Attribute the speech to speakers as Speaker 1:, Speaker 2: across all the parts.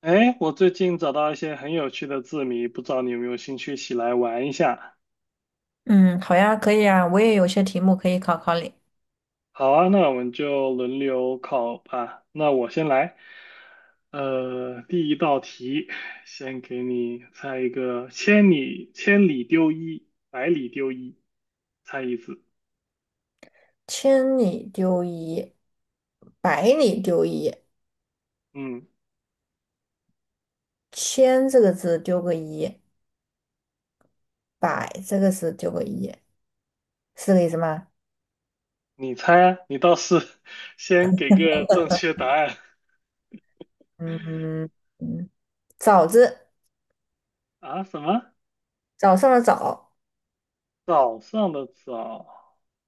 Speaker 1: 哎，我最近找到一些很有趣的字谜，不知道你有没有兴趣一起来玩一下？
Speaker 2: 嗯，好呀，可以啊，我也有些题目可以考考你。
Speaker 1: 好啊，那我们就轮流考吧。那我先来，第一道题，先给你猜一个：千里丢一，百里丢一，猜一字。
Speaker 2: 千里丢一，百里丢一，
Speaker 1: 嗯，
Speaker 2: 千这个字丢个一，百这个字丢个一，是这个意思吗？
Speaker 1: 你猜啊，你倒是 先给个正确答案
Speaker 2: 嗯嗯，早字，
Speaker 1: 啊？什么？
Speaker 2: 早上的早，
Speaker 1: 早上的早？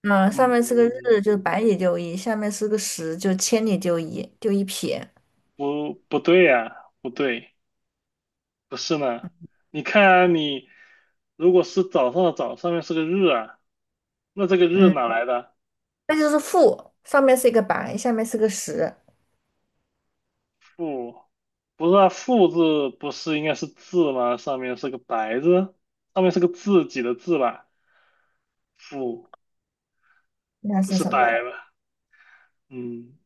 Speaker 2: 嗯，上面是个
Speaker 1: 嗯，
Speaker 2: 日，就是百里丢一，下面是个十，就千里丢一，丢一撇。
Speaker 1: 不，不对呀、不对。不是呢？你看啊你如果是早上的早，上面是个日啊，那这个日
Speaker 2: 嗯，
Speaker 1: 哪来的？
Speaker 2: 那就是负，上面是一个白，下面是个十，
Speaker 1: 富，不是啊，富字不是应该是字吗？上面是个白字，上面是个自己的字吧？富
Speaker 2: 那
Speaker 1: 不
Speaker 2: 是
Speaker 1: 是
Speaker 2: 什么？
Speaker 1: 白吧？嗯，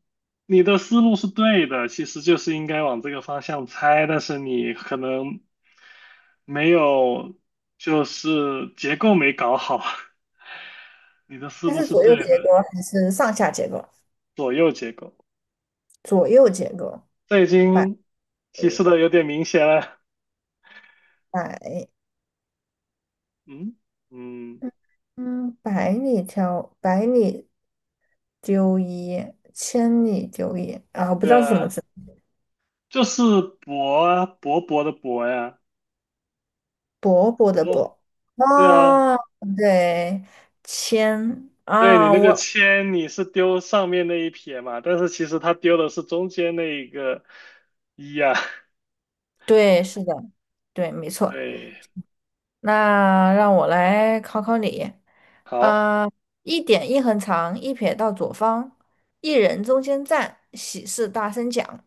Speaker 1: 你的思路是对的，其实就是应该往这个方向猜，但是你可能没有，就是结构没搞好，你的思
Speaker 2: 那
Speaker 1: 路
Speaker 2: 是
Speaker 1: 是
Speaker 2: 左右
Speaker 1: 对的，
Speaker 2: 结构还是上下结构？
Speaker 1: 左右结构。
Speaker 2: 左右结构。
Speaker 1: 这已
Speaker 2: 百
Speaker 1: 经提示
Speaker 2: 里
Speaker 1: 的有点明显了。
Speaker 2: 百，
Speaker 1: 嗯嗯，
Speaker 2: 嗯，百里纠一，千里纠一啊，我不知
Speaker 1: 对
Speaker 2: 道是什么
Speaker 1: 啊，
Speaker 2: 字，
Speaker 1: 就是薄啊，薄薄的薄呀。
Speaker 2: 伯伯的
Speaker 1: 哦，
Speaker 2: 伯。
Speaker 1: 对啊，
Speaker 2: 啊，对，千
Speaker 1: 对你
Speaker 2: 啊，
Speaker 1: 那个
Speaker 2: 我
Speaker 1: 铅，你是丢上面那一撇嘛，但是其实他丢的是中间那一个一呀，
Speaker 2: 对，是的，对，没错。
Speaker 1: 对，
Speaker 2: 那让我来考考你，
Speaker 1: 好，
Speaker 2: 啊、一点一横长，一撇到左方，一人中间站，喜事大声讲。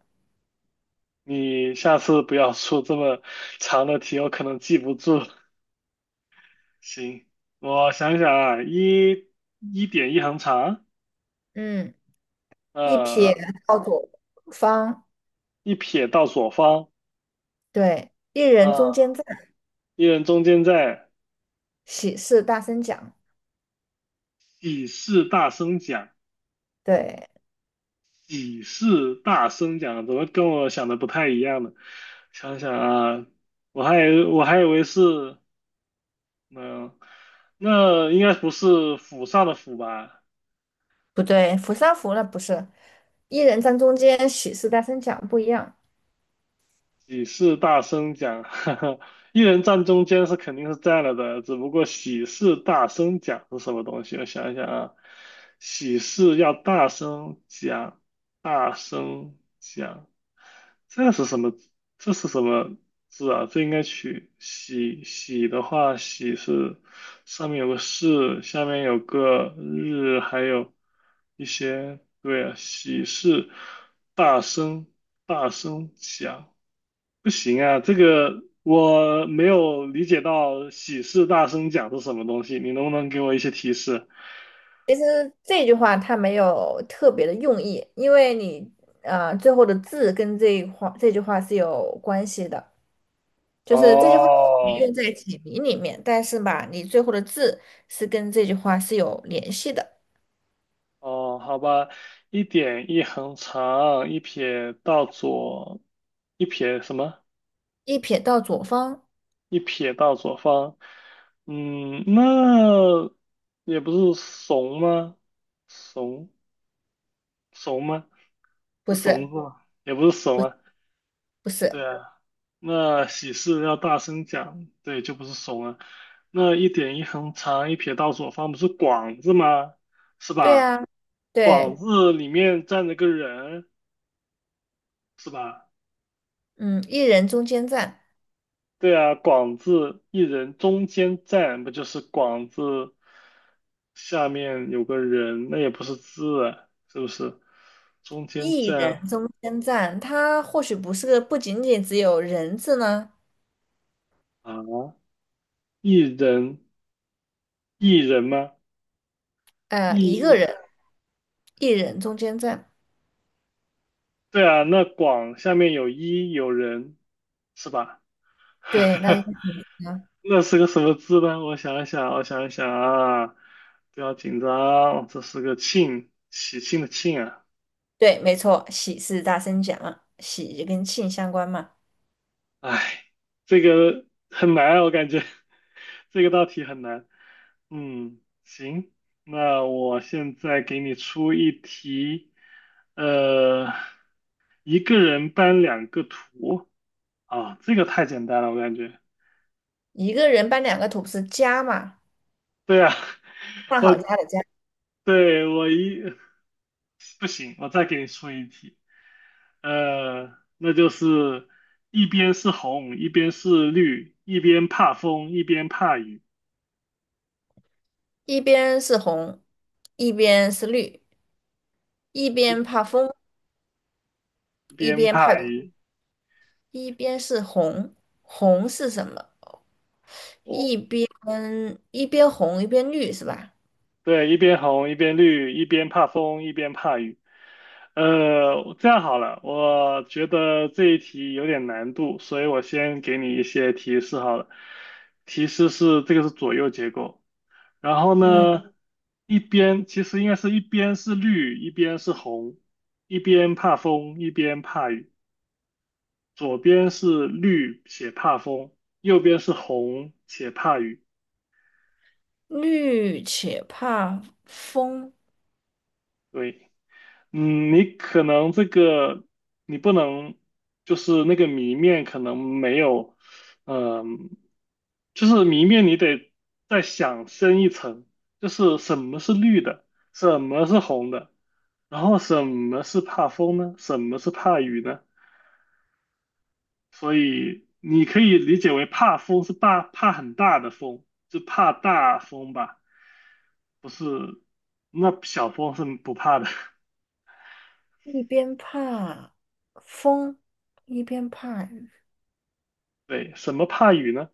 Speaker 1: 你下次不要出这么长的题，我可能记不住。行，我想想啊，一点一横长，
Speaker 2: 嗯，一撇
Speaker 1: 呃，
Speaker 2: 到左方，
Speaker 1: 一撇到左方。
Speaker 2: 对，一人中
Speaker 1: 嗯，
Speaker 2: 间站，
Speaker 1: 一人中间在
Speaker 2: 喜事大声讲。
Speaker 1: 喜事大声讲，
Speaker 2: 对，
Speaker 1: 喜事大声讲，怎么跟我想的不太一样呢？想想啊，我还以为是，嗯、那应该不是府上的府吧？
Speaker 2: 不对？扶三扶了不是，一人站中间，喜事大声讲不一样。
Speaker 1: 喜事大声讲，哈哈，一人站中间是肯定是占了的，只不过喜事大声讲是什么东西？我想一想啊，喜事要大声讲，大声讲，这是什么？这是什么字啊？这应该取喜喜的话，喜是上面有个士，下面有个日，还有一些，对啊，喜事大声大声讲。不行啊，这个我没有理解到喜事大声讲是什么东西，你能不能给我一些提示？
Speaker 2: 其实这句话它没有特别的用意，因为你最后的字跟这句话是有关系的，就是这句话你
Speaker 1: 哦
Speaker 2: 用在解谜里面，但是吧，你最后的字是跟这句话是有联系的。
Speaker 1: 哦，好吧，一点一横长，一撇到左，一撇什么？
Speaker 2: 一撇到左方，
Speaker 1: 一撇到左方。嗯，那也不是怂吗？怂怂吗？
Speaker 2: 不
Speaker 1: 是
Speaker 2: 是，
Speaker 1: 怂字吗？也不是
Speaker 2: 不
Speaker 1: 怂
Speaker 2: 是
Speaker 1: 啊。
Speaker 2: 不是，
Speaker 1: 对啊，那喜事要大声讲，对，就不是怂了。那一点一横长一撇到左方不是广字吗？是
Speaker 2: 对
Speaker 1: 吧？
Speaker 2: 啊，
Speaker 1: 广
Speaker 2: 对，
Speaker 1: 字里面站着个人，是吧？
Speaker 2: 嗯，一人中间站。
Speaker 1: 对啊，广字一人中间站，不就是广字下面有个人，那也不是字啊，是不是？中间
Speaker 2: 一人
Speaker 1: 站
Speaker 2: 中间站，它或许不仅仅只有人字呢，
Speaker 1: 啊，一人一人吗？
Speaker 2: 呃，一个
Speaker 1: 一。
Speaker 2: 人，一人中间站，
Speaker 1: 对啊，那广下面有人，是吧？
Speaker 2: 对，那就 是你啊，
Speaker 1: 那是个什么字呢？我想一想啊，不要紧张，这是个庆，喜庆的庆啊。
Speaker 2: 对，没错，喜是大声讲嘛喜就跟庆相关嘛，
Speaker 1: 哎，这个很难啊，我感觉 这个道题很难。嗯，行，那我现在给你出一题，呃，一个人搬两个图啊，这个太简单了，我感觉。
Speaker 2: 一个人搬两个土是家嘛，
Speaker 1: 对啊，
Speaker 2: 上
Speaker 1: 我
Speaker 2: 好家的家，
Speaker 1: 对我一 不行，我再给你出一题，那就是一边是红，一边是绿，一边怕风，一边怕雨，
Speaker 2: 一边是红，一边是绿，一
Speaker 1: 一
Speaker 2: 边怕风，
Speaker 1: 一
Speaker 2: 一
Speaker 1: 边
Speaker 2: 边怕
Speaker 1: 怕
Speaker 2: 雨，
Speaker 1: 雨。
Speaker 2: 一边是红，红是什么？
Speaker 1: 哦，
Speaker 2: 一边一边红一边绿是吧？
Speaker 1: 对，一边红，一边绿，一边怕风，一边怕雨。这样好了，我觉得这一题有点难度，所以我先给你一些提示好了。提示是这个是左右结构。然后
Speaker 2: 嗯。
Speaker 1: 呢，一边其实应该是一边是绿，一边是红，一边怕风，一边怕雨。左边是绿且怕风，右边是红且怕雨。
Speaker 2: 绿且怕风，
Speaker 1: 对。嗯，你可能这个你不能，就是那个谜面可能没有，嗯，就是谜面你得再想深一层，就是什么是绿的，什么是红的，然后什么是怕风呢？什么是怕雨呢？所以你可以理解为怕风是怕很大的风，就怕大风吧，不是，那小风是不怕的。
Speaker 2: 一边怕风，一边怕雨。
Speaker 1: 对，什么怕雨呢？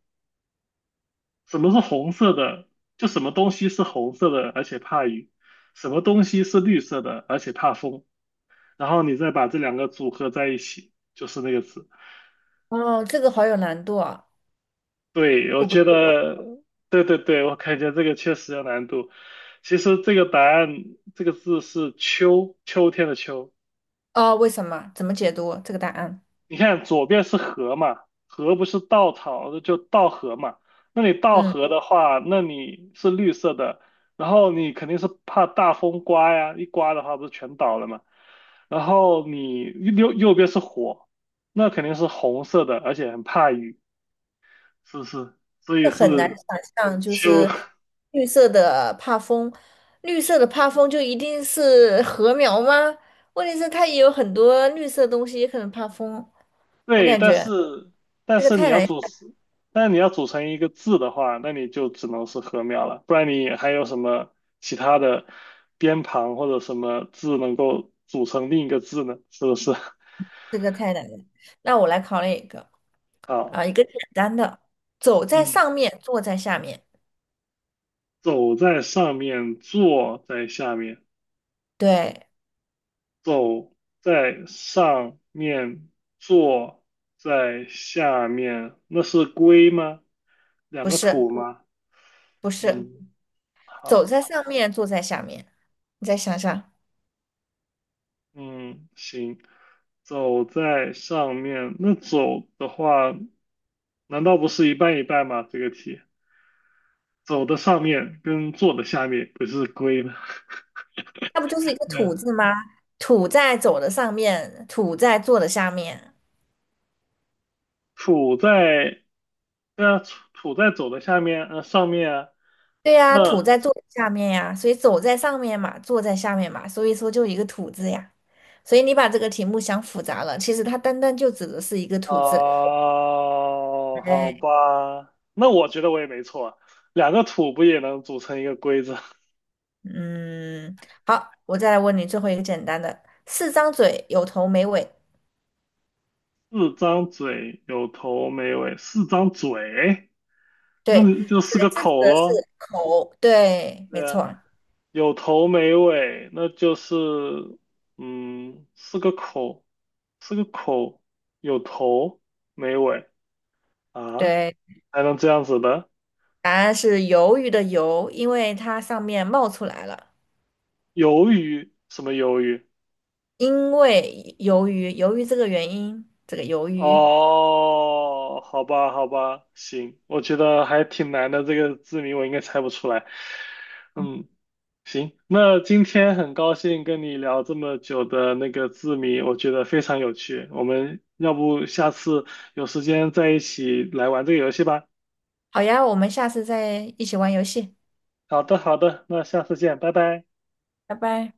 Speaker 1: 什么是红色的？就什么东西是红色的，而且怕雨；什么东西是绿色的，而且怕风。然后你再把这两个组合在一起，就是那个字。
Speaker 2: 哦，这个好有难度啊！
Speaker 1: 对，我
Speaker 2: 我不，
Speaker 1: 觉得，对，我感觉这个确实有难度。其实这个答案，这个字是秋，秋天的秋。
Speaker 2: 哦，为什么？怎么解读这个答案？
Speaker 1: 你看左边是河嘛，河不是稻草，就稻禾嘛。那你稻
Speaker 2: 嗯，
Speaker 1: 禾的话，那你是绿色的，然后你肯定是怕大风刮呀，一刮的话不是全倒了嘛。然后你右边是火，那肯定是红色的，而且很怕雨，是不是？所
Speaker 2: 这
Speaker 1: 以
Speaker 2: 很难
Speaker 1: 是
Speaker 2: 想象，就
Speaker 1: 就
Speaker 2: 是 绿色的怕风，绿色的怕风就一定是禾苗吗？问题是它也有很多绿色的东西，也可能怕风。我
Speaker 1: 对，
Speaker 2: 感
Speaker 1: 但
Speaker 2: 觉
Speaker 1: 是但
Speaker 2: 这个
Speaker 1: 是你
Speaker 2: 太
Speaker 1: 要
Speaker 2: 难，
Speaker 1: 组，但你要组成一个字的话，那你就只能是禾苗了，不然你还有什么其他的边旁或者什么字能够组成另一个字呢？是不是？
Speaker 2: 这个太难了。那我来考你一个。
Speaker 1: 好，
Speaker 2: 一个简单的，走在
Speaker 1: 嗯，
Speaker 2: 上面，坐在下面。
Speaker 1: 走在上面，坐在下面，
Speaker 2: 对，
Speaker 1: 走在上面，坐在下面，那是龟吗？两
Speaker 2: 不
Speaker 1: 个
Speaker 2: 是，
Speaker 1: 土吗？
Speaker 2: 不是，
Speaker 1: 嗯，
Speaker 2: 走在
Speaker 1: 好。
Speaker 2: 上面，坐在下面。你再想想，
Speaker 1: 嗯，行，走在上面。那走的话，难道不是一半一半吗？这个题，走的上面跟坐的下面不是归吗？
Speaker 2: 那不就是一 个
Speaker 1: 对
Speaker 2: 土
Speaker 1: 啊，
Speaker 2: 字吗？土在走的上面，土在坐的下面。
Speaker 1: 土在，对啊，土在走的下面，上面啊。
Speaker 2: 土
Speaker 1: 那
Speaker 2: 在坐的下面呀，所以走在上面嘛，坐在下面嘛，所以说就一个土字呀。所以你把这个题目想复杂了，其实它单单就指的是一个土字。
Speaker 1: 啊，好吧，那我觉得我也没错啊，两个土不也能组成一个龟子？
Speaker 2: 嗯，好，我再来问你最后一个简单的：四张嘴，有头没尾，
Speaker 1: 四张嘴，有头没尾，四张嘴，
Speaker 2: 对
Speaker 1: 那就四
Speaker 2: 对，
Speaker 1: 个
Speaker 2: 这
Speaker 1: 口
Speaker 2: 个是
Speaker 1: 喽。
Speaker 2: 口，对，没
Speaker 1: 对啊。
Speaker 2: 错，
Speaker 1: 有头没尾，那就是，嗯，四个口，四个口，有头没尾啊，
Speaker 2: 对，
Speaker 1: 还能这样子的？
Speaker 2: 答案是鱿鱼的鱿，因为它上面冒出来了，
Speaker 1: 鱿鱼？什么鱿鱼？
Speaker 2: 因为鱿鱼，鱿鱼这个原因，这个鱿鱼。
Speaker 1: 哦，好吧，好吧，行，我觉得还挺难的，这个字谜我应该猜不出来。嗯，行，那今天很高兴跟你聊这么久的那个字谜，我觉得非常有趣。我们要不下次有时间再一起来玩这个游戏吧？
Speaker 2: 好呀，我们下次再一起玩游戏，
Speaker 1: 好的，好的，那下次见，拜拜。
Speaker 2: 拜拜。